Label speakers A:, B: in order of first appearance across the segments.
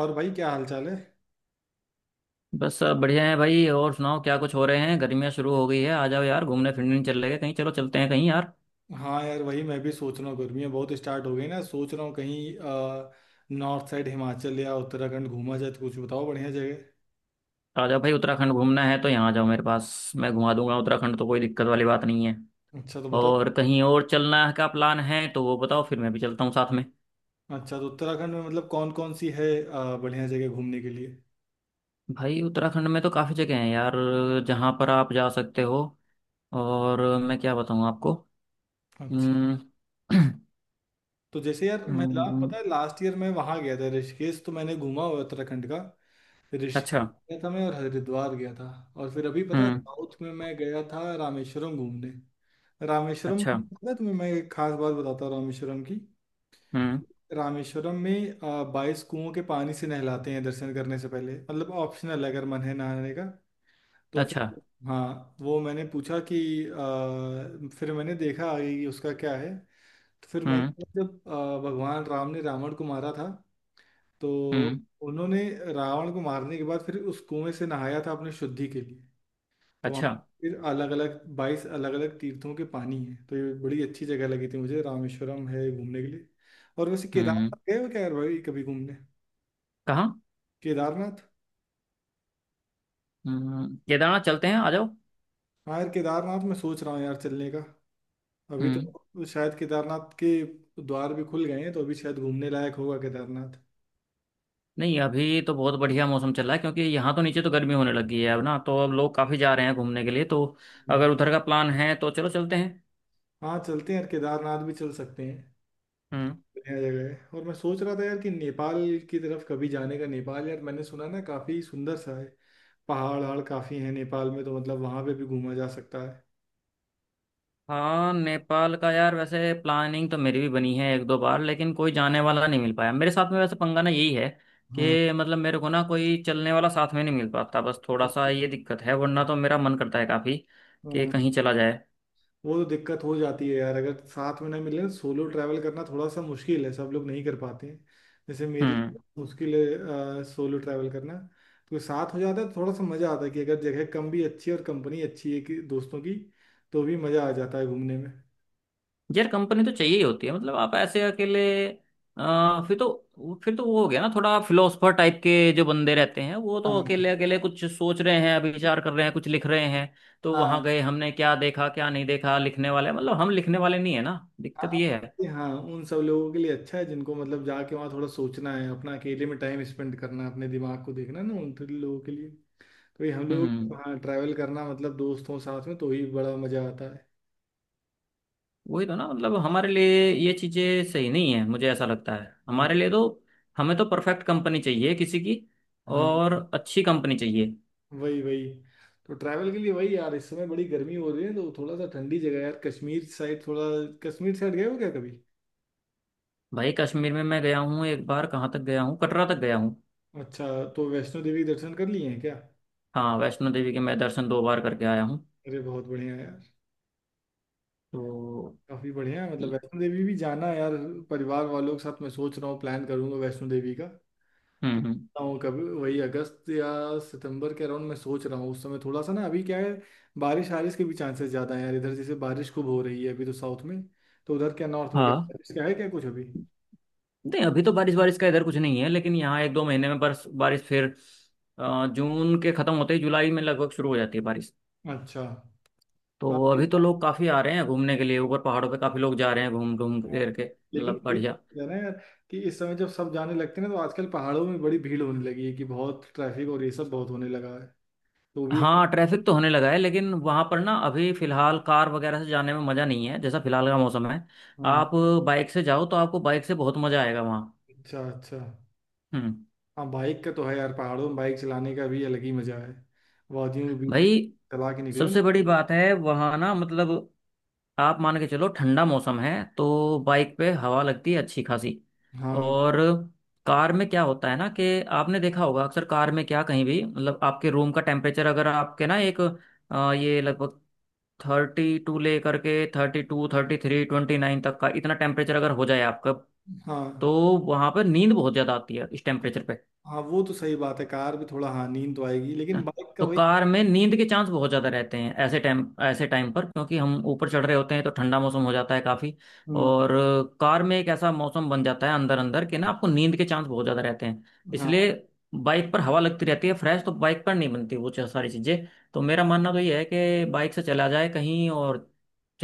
A: और भाई क्या हाल चाल है।
B: बस सब बढ़िया है भाई। और सुनाओ, क्या कुछ हो रहे हैं? गर्मियाँ शुरू हो गई है, आ जाओ यार घूमने फिरने, चल लेंगे कहीं। चलो चलते हैं कहीं यार।
A: हाँ यार, वही मैं भी सोच रहा हूँ। गर्मियाँ बहुत स्टार्ट हो गई ना, सोच रहा हूँ कहीं नॉर्थ साइड हिमाचल या उत्तराखंड घूमा जाए, तो कुछ बताओ बढ़िया जगह।
B: आ जाओ भाई, उत्तराखंड घूमना है तो यहाँ आ जाओ मेरे पास। मैं घुमा दूंगा उत्तराखंड, तो कोई दिक्कत वाली बात नहीं है।
A: अच्छा, तो बताओ।
B: और कहीं और चलना का प्लान है तो वो बताओ, फिर मैं भी चलता हूँ साथ में।
A: अच्छा, तो उत्तराखंड में मतलब कौन कौन सी है बढ़िया जगह घूमने के लिए?
B: भाई उत्तराखंड में तो काफ़ी जगह हैं यार, जहाँ पर आप जा सकते हो। और मैं क्या बताऊँ आपको।
A: अच्छा,
B: हम्म।
A: तो जैसे यार
B: हम्म।
A: पता है लास्ट ईयर मैं वहाँ गया था ऋषिकेश, तो मैंने घूमा हुआ है उत्तराखंड का।
B: अच्छा।
A: ऋषिकेश गया था मैं और हरिद्वार गया था। और फिर अभी पता है
B: हम्म।
A: साउथ में मैं गया था रामेश्वरम घूमने। रामेश्वरम,
B: अच्छा।
A: पता है तुम्हें, मैं एक खास बात बताता हूँ रामेश्वरम की।
B: हम्म।
A: रामेश्वरम में 22 कुओं के पानी से नहलाते हैं दर्शन करने से पहले। मतलब ऑप्शनल है, अगर मन है नहाने का तो
B: अच्छा।
A: फिर। हाँ, वो मैंने पूछा कि फिर मैंने देखा आगे कि उसका क्या है। तो फिर
B: हम्म।
A: मैंने, जब भगवान राम ने रावण को मारा था, तो
B: हम्म।
A: उन्होंने रावण को मारने के बाद फिर उस कुएं से नहाया था अपने शुद्धि के लिए। तो वहाँ
B: अच्छा।
A: फिर अलग अलग 22 अलग अलग तीर्थों के पानी है, तो ये बड़ी अच्छी जगह लगी थी मुझे, रामेश्वरम है घूमने के लिए। और वैसे
B: हम्म।
A: केदारनाथ गए हो क्या यार भाई, कभी घूमने?
B: कहाँ?
A: केदारनाथ।
B: हम्म, केदारनाथ चलते हैं, आ जाओ।
A: हाँ यार, केदारनाथ मैं सोच रहा हूँ यार चलने का। अभी
B: हम्म।
A: तो शायद केदारनाथ के द्वार भी खुल गए हैं, तो अभी शायद घूमने लायक होगा केदारनाथ।
B: नहीं, अभी तो बहुत बढ़िया मौसम चल रहा है, क्योंकि यहाँ तो नीचे तो गर्मी होने लगी है अब ना, तो अब लोग काफी जा रहे हैं घूमने के लिए। तो अगर उधर का प्लान है तो चलो चलते हैं।
A: हाँ, चलते हैं यार, केदारनाथ भी चल सकते हैं।
B: हम्म।
A: बढ़िया जगह है। और मैं सोच रहा था यार कि नेपाल की तरफ कभी जाने का। नेपाल यार मैंने सुना ना, काफी सुंदर सा है, पहाड़ वहाड़ काफ़ी हैं नेपाल में, तो मतलब वहाँ पे भी घूमा जा सकता है।
B: हाँ, नेपाल का यार वैसे प्लानिंग तो मेरी भी बनी है एक दो बार, लेकिन कोई जाने वाला नहीं मिल पाया मेरे साथ में। वैसे पंगा ना यही है
A: हाँ।
B: कि मतलब मेरे को ना कोई चलने वाला साथ में नहीं मिल पाता। बस थोड़ा सा ये दिक्कत है, वरना तो मेरा मन करता है काफी कि
A: हाँ,
B: कहीं चला जाए।
A: वो तो दिक्कत हो जाती है यार, अगर साथ में ना मिले तो। सोलो ट्रैवल करना थोड़ा सा मुश्किल है, सब लोग नहीं कर पाते हैं। जैसे मेरे
B: हम्म।
A: लिए मुश्किल है सोलो ट्रैवल करना। तो साथ हो जाता है तो थोड़ा सा मज़ा आता है कि अगर जगह कम भी अच्छी है और कंपनी अच्छी है कि दोस्तों की, तो भी मज़ा आ जाता है घूमने में।
B: यार कंपनी तो चाहिए ही होती है, मतलब आप ऐसे अकेले फिर तो वो हो गया ना थोड़ा, फिलोसफर टाइप के जो बंदे रहते हैं वो तो
A: हाँ।
B: अकेले अकेले कुछ सोच रहे हैं, अभी विचार कर रहे हैं, कुछ लिख रहे हैं। तो वहां
A: हाँ।
B: गए हमने क्या देखा क्या नहीं देखा लिखने वाले, मतलब हम लिखने वाले नहीं है ना, दिक्कत
A: हाँ,
B: ये है।
A: ये हाँ उन सब लोगों के लिए अच्छा है जिनको मतलब जाके वहाँ थोड़ा सोचना है, अपना अकेले में टाइम स्पेंड करना है, अपने दिमाग को देखना है ना, उन थोड़े लोगों के लिए। तो ये हम लोग।
B: हम्म।
A: हाँ, ट्रैवल करना मतलब दोस्तों साथ में तो ही बड़ा मजा आता है।
B: वही तो ना, मतलब हमारे लिए ये चीजें सही नहीं है, मुझे ऐसा लगता है
A: हाँ।
B: हमारे लिए तो। हमें तो परफेक्ट कंपनी चाहिए किसी की,
A: हाँ।
B: और अच्छी कंपनी चाहिए।
A: वही वही। तो ट्रैवल के लिए वही यार, इस समय बड़ी गर्मी हो रही है, तो थोड़ा सा ठंडी जगह यार, कश्मीर साइड थोड़ा। कश्मीर साइड गए हो क्या कभी?
B: भाई कश्मीर में मैं गया हूँ एक बार। कहाँ तक गया हूँ? कटरा तक गया हूँ।
A: अच्छा, तो वैष्णो देवी दर्शन कर लिए हैं क्या?
B: हाँ वैष्णो देवी के मैं दर्शन दो बार करके आया हूँ।
A: अरे बहुत बढ़िया यार।
B: तो
A: काफी बढ़िया है, मतलब वैष्णो देवी भी जाना है यार, परिवार वालों के साथ। मैं सोच रहा हूँ प्लान करूंगा वैष्णो देवी का, तो
B: हम्म। हम्म।
A: सोचता हूँ कभी वही अगस्त या सितंबर के अराउंड, मैं सोच रहा हूँ उस समय। थोड़ा सा ना अभी क्या है, बारिश वारिश के भी चांसेस ज्यादा है यार, इधर जैसे बारिश खूब हो रही है अभी तो साउथ में। तो उधर क्या नॉर्थ में क्या
B: हाँ,
A: बारिश, क्या है क्या कुछ अभी?
B: नहीं, अभी तो बारिश बारिश का इधर कुछ नहीं है, लेकिन यहाँ एक दो महीने में बर्स बारिश फिर अ, जून के खत्म होते ही जुलाई में लगभग शुरू हो जाती है बारिश।
A: अच्छा। हाँ,
B: तो
A: ये
B: अभी तो
A: बात
B: लोग काफी आ रहे हैं घूमने के लिए, ऊपर पहाड़ों पे काफी लोग जा रहे हैं घूम घूम
A: है।
B: फिर के,
A: लेकिन
B: मतलब
A: ये
B: बढ़िया।
A: चीज़ है ना यार, कि इस समय जब सब जाने लगते हैं ना, तो आजकल पहाड़ों में बड़ी भीड़ होने लगी है, कि बहुत ट्रैफिक और ये सब बहुत होने लगा है। तो भी एक,
B: हाँ, ट्रैफिक तो होने लगा है लेकिन वहां पर ना अभी फिलहाल कार वगैरह से जाने में मजा नहीं है, जैसा फिलहाल का मौसम है।
A: हाँ।
B: आप बाइक से जाओ तो आपको बाइक से बहुत मजा आएगा वहाँ।
A: अच्छा अच्छा।
B: हम्म।
A: हाँ, बाइक का तो है यार, पहाड़ों में बाइक चलाने का भी अलग ही मजा है, वादियों के बीच में
B: भाई
A: चला के निकलो ना।
B: सबसे बड़ी बात है वहाँ ना, मतलब आप मान के चलो ठंडा मौसम है तो बाइक पे हवा लगती है अच्छी खासी।
A: हाँ।
B: और कार में क्या होता है ना कि आपने देखा होगा अक्सर, कार में क्या कहीं भी मतलब आपके रूम का टेम्परेचर, अगर आपके ना एक ये लगभग 32 ले करके 32 33 29 तक का इतना टेम्परेचर अगर हो जाए आपका,
A: हाँ।
B: तो वहां पर नींद बहुत ज्यादा आती है इस टेम्परेचर पे।
A: हाँ, वो तो सही बात है, कार भी थोड़ा, हाँ नींद तो आएगी, लेकिन बाइक का
B: तो
A: वही।
B: कार में नींद के चांस बहुत ज्यादा रहते हैं ऐसे टाइम, ऐसे टाइम पर, क्योंकि हम ऊपर चढ़ रहे होते हैं तो ठंडा मौसम हो जाता है काफी।
A: हम्म।
B: और कार में एक ऐसा मौसम बन जाता है अंदर अंदर कि ना आपको नींद के चांस बहुत ज्यादा रहते हैं।
A: हाँ,
B: इसलिए बाइक पर हवा लगती रहती है फ्रेश, तो बाइक पर नहीं बनती वो सारी चीजें। तो मेरा मानना तो ये है कि बाइक से चला जाए कहीं और।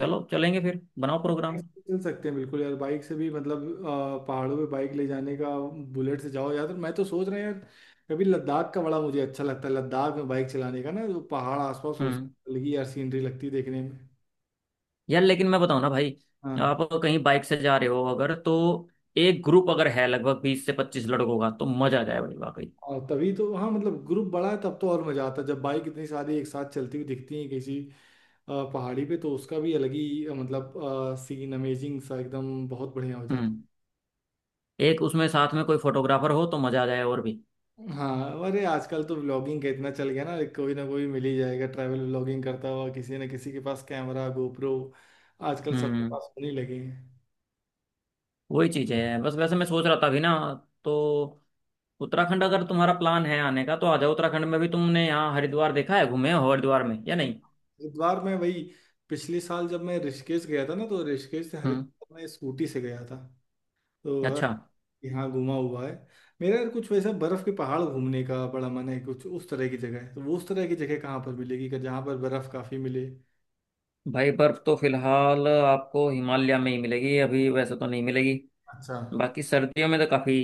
B: चलो चलेंगे, फिर बनाओ
A: बाइक
B: प्रोग्राम।
A: से चल सकते हैं बिल्कुल यार। बाइक से भी मतलब पहाड़ों पे बाइक ले जाने का, बुलेट से जाओ यार। तो मैं तो सोच रहा हूँ यार, कभी लद्दाख का, बड़ा मुझे अच्छा लगता है लद्दाख में बाइक चलाने का ना, जो पहाड़ आसपास
B: हम्म।
A: उसकी अलग ही यार सीनरी लगती है देखने में।
B: यार लेकिन मैं बताऊं ना भाई,
A: हाँ।
B: आप कहीं बाइक से जा रहे हो अगर, तो एक ग्रुप अगर है लगभग 20 से 25 लड़कों का, तो मजा आ जाए भाई वाकई।
A: और तभी तो, हाँ मतलब ग्रुप बड़ा है तब तो और मजा आता है, जब बाइक इतनी सारी एक साथ चलती हुई दिखती है किसी पहाड़ी पे, तो उसका भी अलग ही, मतलब सीन अमेजिंग सा एकदम, बहुत बढ़िया हो जाता
B: हम्म। एक उसमें साथ में कोई फोटोग्राफर हो तो मजा आ जाए और भी।
A: है। हाँ, अरे आजकल तो व्लॉगिंग का इतना चल गया ना, कोई ना कोई मिल ही जाएगा ट्रैवल व्लॉगिंग करता हुआ, किसी न किसी के पास कैमरा गोप्रो आजकल सबके
B: हम्म।
A: पास होने लगे हैं।
B: वही चीज है बस। वैसे मैं सोच रहा था अभी ना, तो उत्तराखंड अगर तुम्हारा प्लान है आने का तो आ जाओ। उत्तराखंड में भी तुमने यहाँ हरिद्वार देखा है, घूमे हो हरिद्वार में या नहीं?
A: हरिद्वार में वही, पिछले साल जब मैं ऋषिकेश गया था ना, तो ऋषिकेश से
B: हम्म।
A: हरिद्वार में स्कूटी से गया था। तो
B: अच्छा।
A: यहाँ घुमा हुआ है मेरा यार। कुछ वैसा बर्फ के पहाड़ घूमने का बड़ा मन है, कुछ उस तरह की जगह है तो वो उस तरह की जगह कहाँ पर मिलेगी, कि जहाँ पर बर्फ काफी मिले?
B: भाई बर्फ तो फिलहाल आपको हिमालय में ही मिलेगी, अभी वैसे तो नहीं मिलेगी।
A: अच्छा।
B: बाकी सर्दियों में तो काफी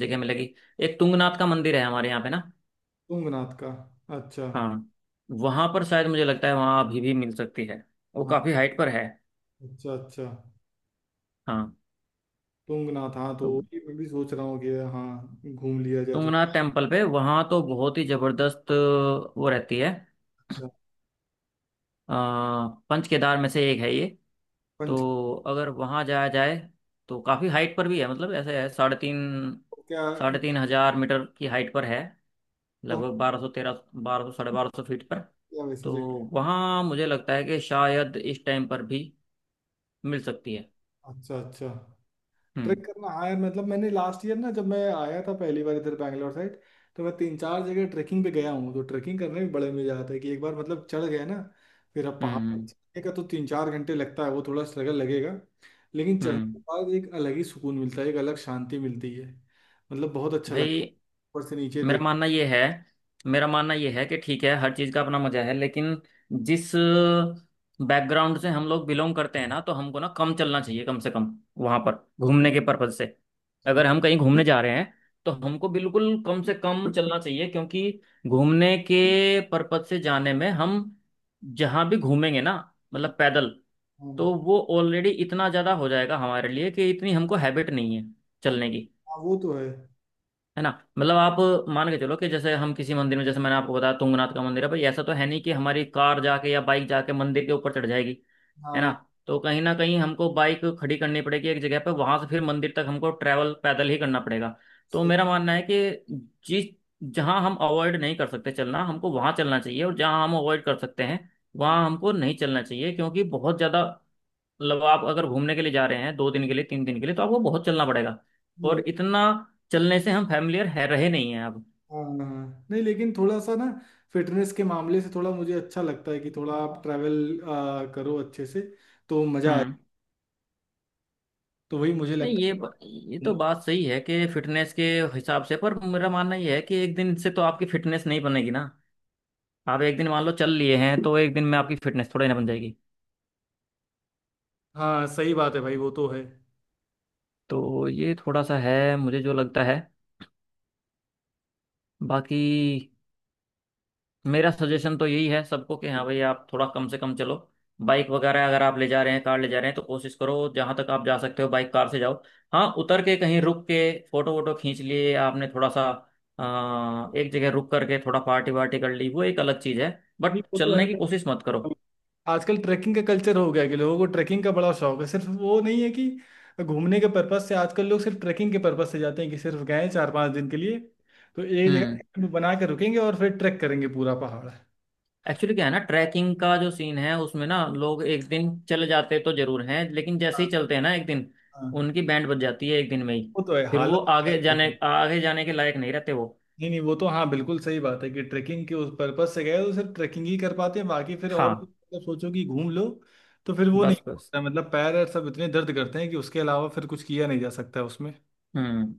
B: जगह मिलेगी। एक तुंगनाथ का मंदिर है हमारे यहाँ पे ना।
A: तुंगनाथ का। अच्छा।
B: हाँ, वहां पर शायद मुझे लगता है वहां अभी भी मिल सकती है, वो
A: हाँ।
B: काफी हाइट पर है।
A: अच्छा अच्छा।
B: हाँ।
A: तुंगनाथ, हाँ। तो
B: तो
A: ये मैं भी सोच रहा हूँ कि हाँ घूम लिया जाए, तो।
B: तुंगनाथ टेम्पल पे वहाँ तो बहुत ही जबरदस्त वो रहती है।
A: अच्छा।
B: अ, पंच केदार में से एक है ये।
A: पंच।
B: तो अगर वहाँ जाया जाए, तो काफ़ी हाइट पर भी है, मतलब ऐसे है
A: क्या, तो?
B: 3,500 मीटर की हाइट पर है।
A: हम।
B: लगभग 1213, 1200 1250 फीट पर।
A: क्या वैसी
B: तो
A: जगह?
B: वहाँ मुझे लगता है कि शायद इस टाइम पर भी मिल सकती है।
A: अच्छा अच्छा। ट्रिक
B: हम्म।
A: करना आया, मतलब मैंने लास्ट ईयर ना, जब मैं आया था पहली बार इधर बैंगलोर साइड, तो मैं तीन चार जगह ट्रेकिंग पे गया हूँ। तो ट्रेकिंग करने में बड़े मजा आता है कि एक बार मतलब चढ़ गए ना, फिर अब। पहाड़
B: हम्म।
A: पर
B: हम्म।
A: चढ़ने का तो तीन चार घंटे लगता है, वो थोड़ा स्ट्रगल लगेगा, लेकिन चढ़ने के
B: हम्म।
A: बाद एक अलग ही सुकून मिलता है, एक अलग शांति मिलती है। मतलब बहुत अच्छा
B: भाई
A: लगता है ऊपर से नीचे
B: मेरा
A: देख।
B: मानना ये है मेरा मानना ये है कि ठीक है, हर चीज़ का अपना मजा है, लेकिन जिस बैकग्राउंड से हम लोग बिलोंग करते हैं ना, तो हमको ना कम चलना चाहिए, कम से कम वहां पर घूमने के पर्पज से।
A: हाँ,
B: अगर हम कहीं घूमने जा रहे हैं तो हमको बिल्कुल कम से कम चलना चाहिए, क्योंकि घूमने के पर्पज से जाने में हम जहां भी घूमेंगे ना,
A: हाँ,
B: मतलब पैदल,
A: हाँ,
B: तो वो ऑलरेडी इतना ज़्यादा हो जाएगा हमारे लिए कि इतनी हमको हैबिट नहीं है चलने की।
A: हाँ, वो तो है।
B: है ना? मतलब आप मान के चलो कि जैसे हम किसी मंदिर में, जैसे मैंने आपको बताया तुंगनाथ का मंदिर है, भाई ऐसा तो है नहीं कि हमारी कार जाके या बाइक जाके मंदिर के ऊपर चढ़ जाएगी। है ना?
A: हाँ
B: तो कहीं ना कहीं हमको बाइक खड़ी करनी पड़ेगी एक जगह पर, वहां से फिर मंदिर तक हमको ट्रैवल पैदल ही करना पड़ेगा। तो
A: सही,
B: मेरा मानना है कि जिस जहां हम अवॉइड नहीं कर सकते चलना, हमको वहां चलना चाहिए, और जहां हम अवॉइड कर सकते हैं वहां हमको नहीं चलना चाहिए, क्योंकि बहुत ज्यादा, मतलब आप अगर घूमने के लिए जा रहे हैं दो दिन के लिए, तीन दिन के लिए, तो आपको बहुत चलना पड़ेगा, और
A: हाँ,
B: इतना चलने से हम फैमिलियर है रहे नहीं हैं अब।
A: हाँ, नहीं, लेकिन थोड़ा सा ना, फिटनेस के मामले से थोड़ा मुझे अच्छा लगता है, कि थोड़ा आप ट्रैवल करो अच्छे से, तो मजा आए।
B: हम्म।
A: तो वही मुझे
B: नहीं,
A: लगता
B: ये
A: है
B: ये
A: कि।
B: तो बात सही है कि फिटनेस के हिसाब से, पर मेरा मानना ये है कि एक दिन से तो आपकी फिटनेस नहीं बनेगी ना। आप एक दिन मान लो चल लिए हैं, तो एक दिन में आपकी फिटनेस थोड़ी ना बन जाएगी।
A: हाँ सही बात है भाई, वो तो है।
B: तो ये थोड़ा सा है मुझे जो लगता है। बाकी मेरा सजेशन तो यही है सबको कि हाँ भाई, आप थोड़ा कम से कम चलो। बाइक वगैरह अगर आप ले जा रहे हैं, कार ले जा रहे हैं, तो कोशिश करो जहां तक आप जा सकते हो बाइक कार से जाओ। हाँ, उतर के कहीं रुक के फोटो वोटो खींच लिए आपने थोड़ा सा, एक जगह रुक करके थोड़ा पार्टी वार्टी कर ली, वो एक अलग चीज है।
A: नहीं
B: बट
A: वो तो
B: चलने की
A: है।
B: कोशिश मत करो।
A: आजकल ट्रैकिंग का कल्चर हो गया है, कि लोगों को ट्रैकिंग का बड़ा शौक है, सिर्फ वो नहीं है कि घूमने के पर्पज से, आजकल लोग सिर्फ ट्रैकिंग के पर्पज से जाते हैं, कि सिर्फ गए चार पांच दिन के लिए, तो एक जगह
B: हम्म।
A: camp बना के रुकेंगे, और फिर ट्रैक करेंगे पूरा पहाड़।
B: एक्चुअली क्या है ना, ट्रैकिंग का जो सीन है उसमें ना, लोग एक दिन चले जाते तो जरूर हैं, लेकिन जैसे
A: हाँ।
B: ही चलते हैं ना एक दिन,
A: हाँ,
B: उनकी बैंड बज जाती है एक दिन में ही।
A: वो तो है,
B: फिर वो
A: हालत खराब हो।
B: आगे जाने के लायक नहीं रहते वो।
A: नहीं नहीं, वो तो हाँ बिल्कुल सही बात है, कि ट्रैकिंग के उस पर्पज से गए तो सिर्फ ट्रैकिंग ही कर पाते हैं, बाकी फिर और कुछ,
B: हाँ
A: मतलब सोचो कि घूम लो, तो फिर वो नहीं
B: बस बस।
A: होता है। मतलब पैर और सब इतने दर्द करते हैं कि उसके अलावा फिर कुछ किया नहीं जा सकता है उसमें।
B: हम्म।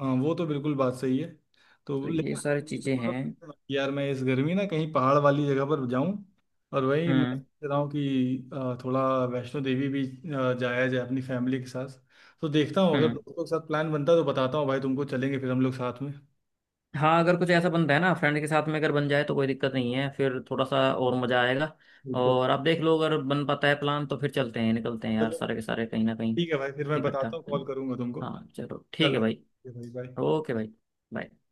A: हाँ, वो तो बिल्कुल बात सही है। तो
B: तो ये
A: लेकिन हाँ,
B: सारी
A: मेरे
B: चीजें
A: को
B: हैं।
A: थोड़ा यार, मैं इस गर्मी ना कहीं पहाड़ वाली जगह पर जाऊं। और वही मैं
B: हम्म।
A: सोच रहा हूँ कि थोड़ा वैष्णो देवी भी जाया जाए अपनी फैमिली के साथ। तो देखता हूँ अगर
B: हम्म।
A: दोस्तों के साथ प्लान बनता है तो बताता हूँ भाई तुमको, चलेंगे फिर हम लोग साथ में।
B: हाँ अगर कुछ ऐसा बनता है ना फ्रेंड के साथ में अगर बन जाए तो कोई दिक्कत नहीं है, फिर थोड़ा सा और मजा आएगा।
A: बिल्कुल।
B: और आप देख लो अगर बन पाता है प्लान, तो फिर चलते हैं निकलते हैं यार सारे के सारे कहीं ना कहीं,
A: ठीक है भाई, फिर मैं
B: इकट्ठा
A: बताता हूँ,
B: है ना।
A: कॉल करूंगा तुमको।
B: हाँ चलो ठीक
A: चलो
B: है भाई।
A: ठीक है भाई, बाय।
B: ओके भाई bye।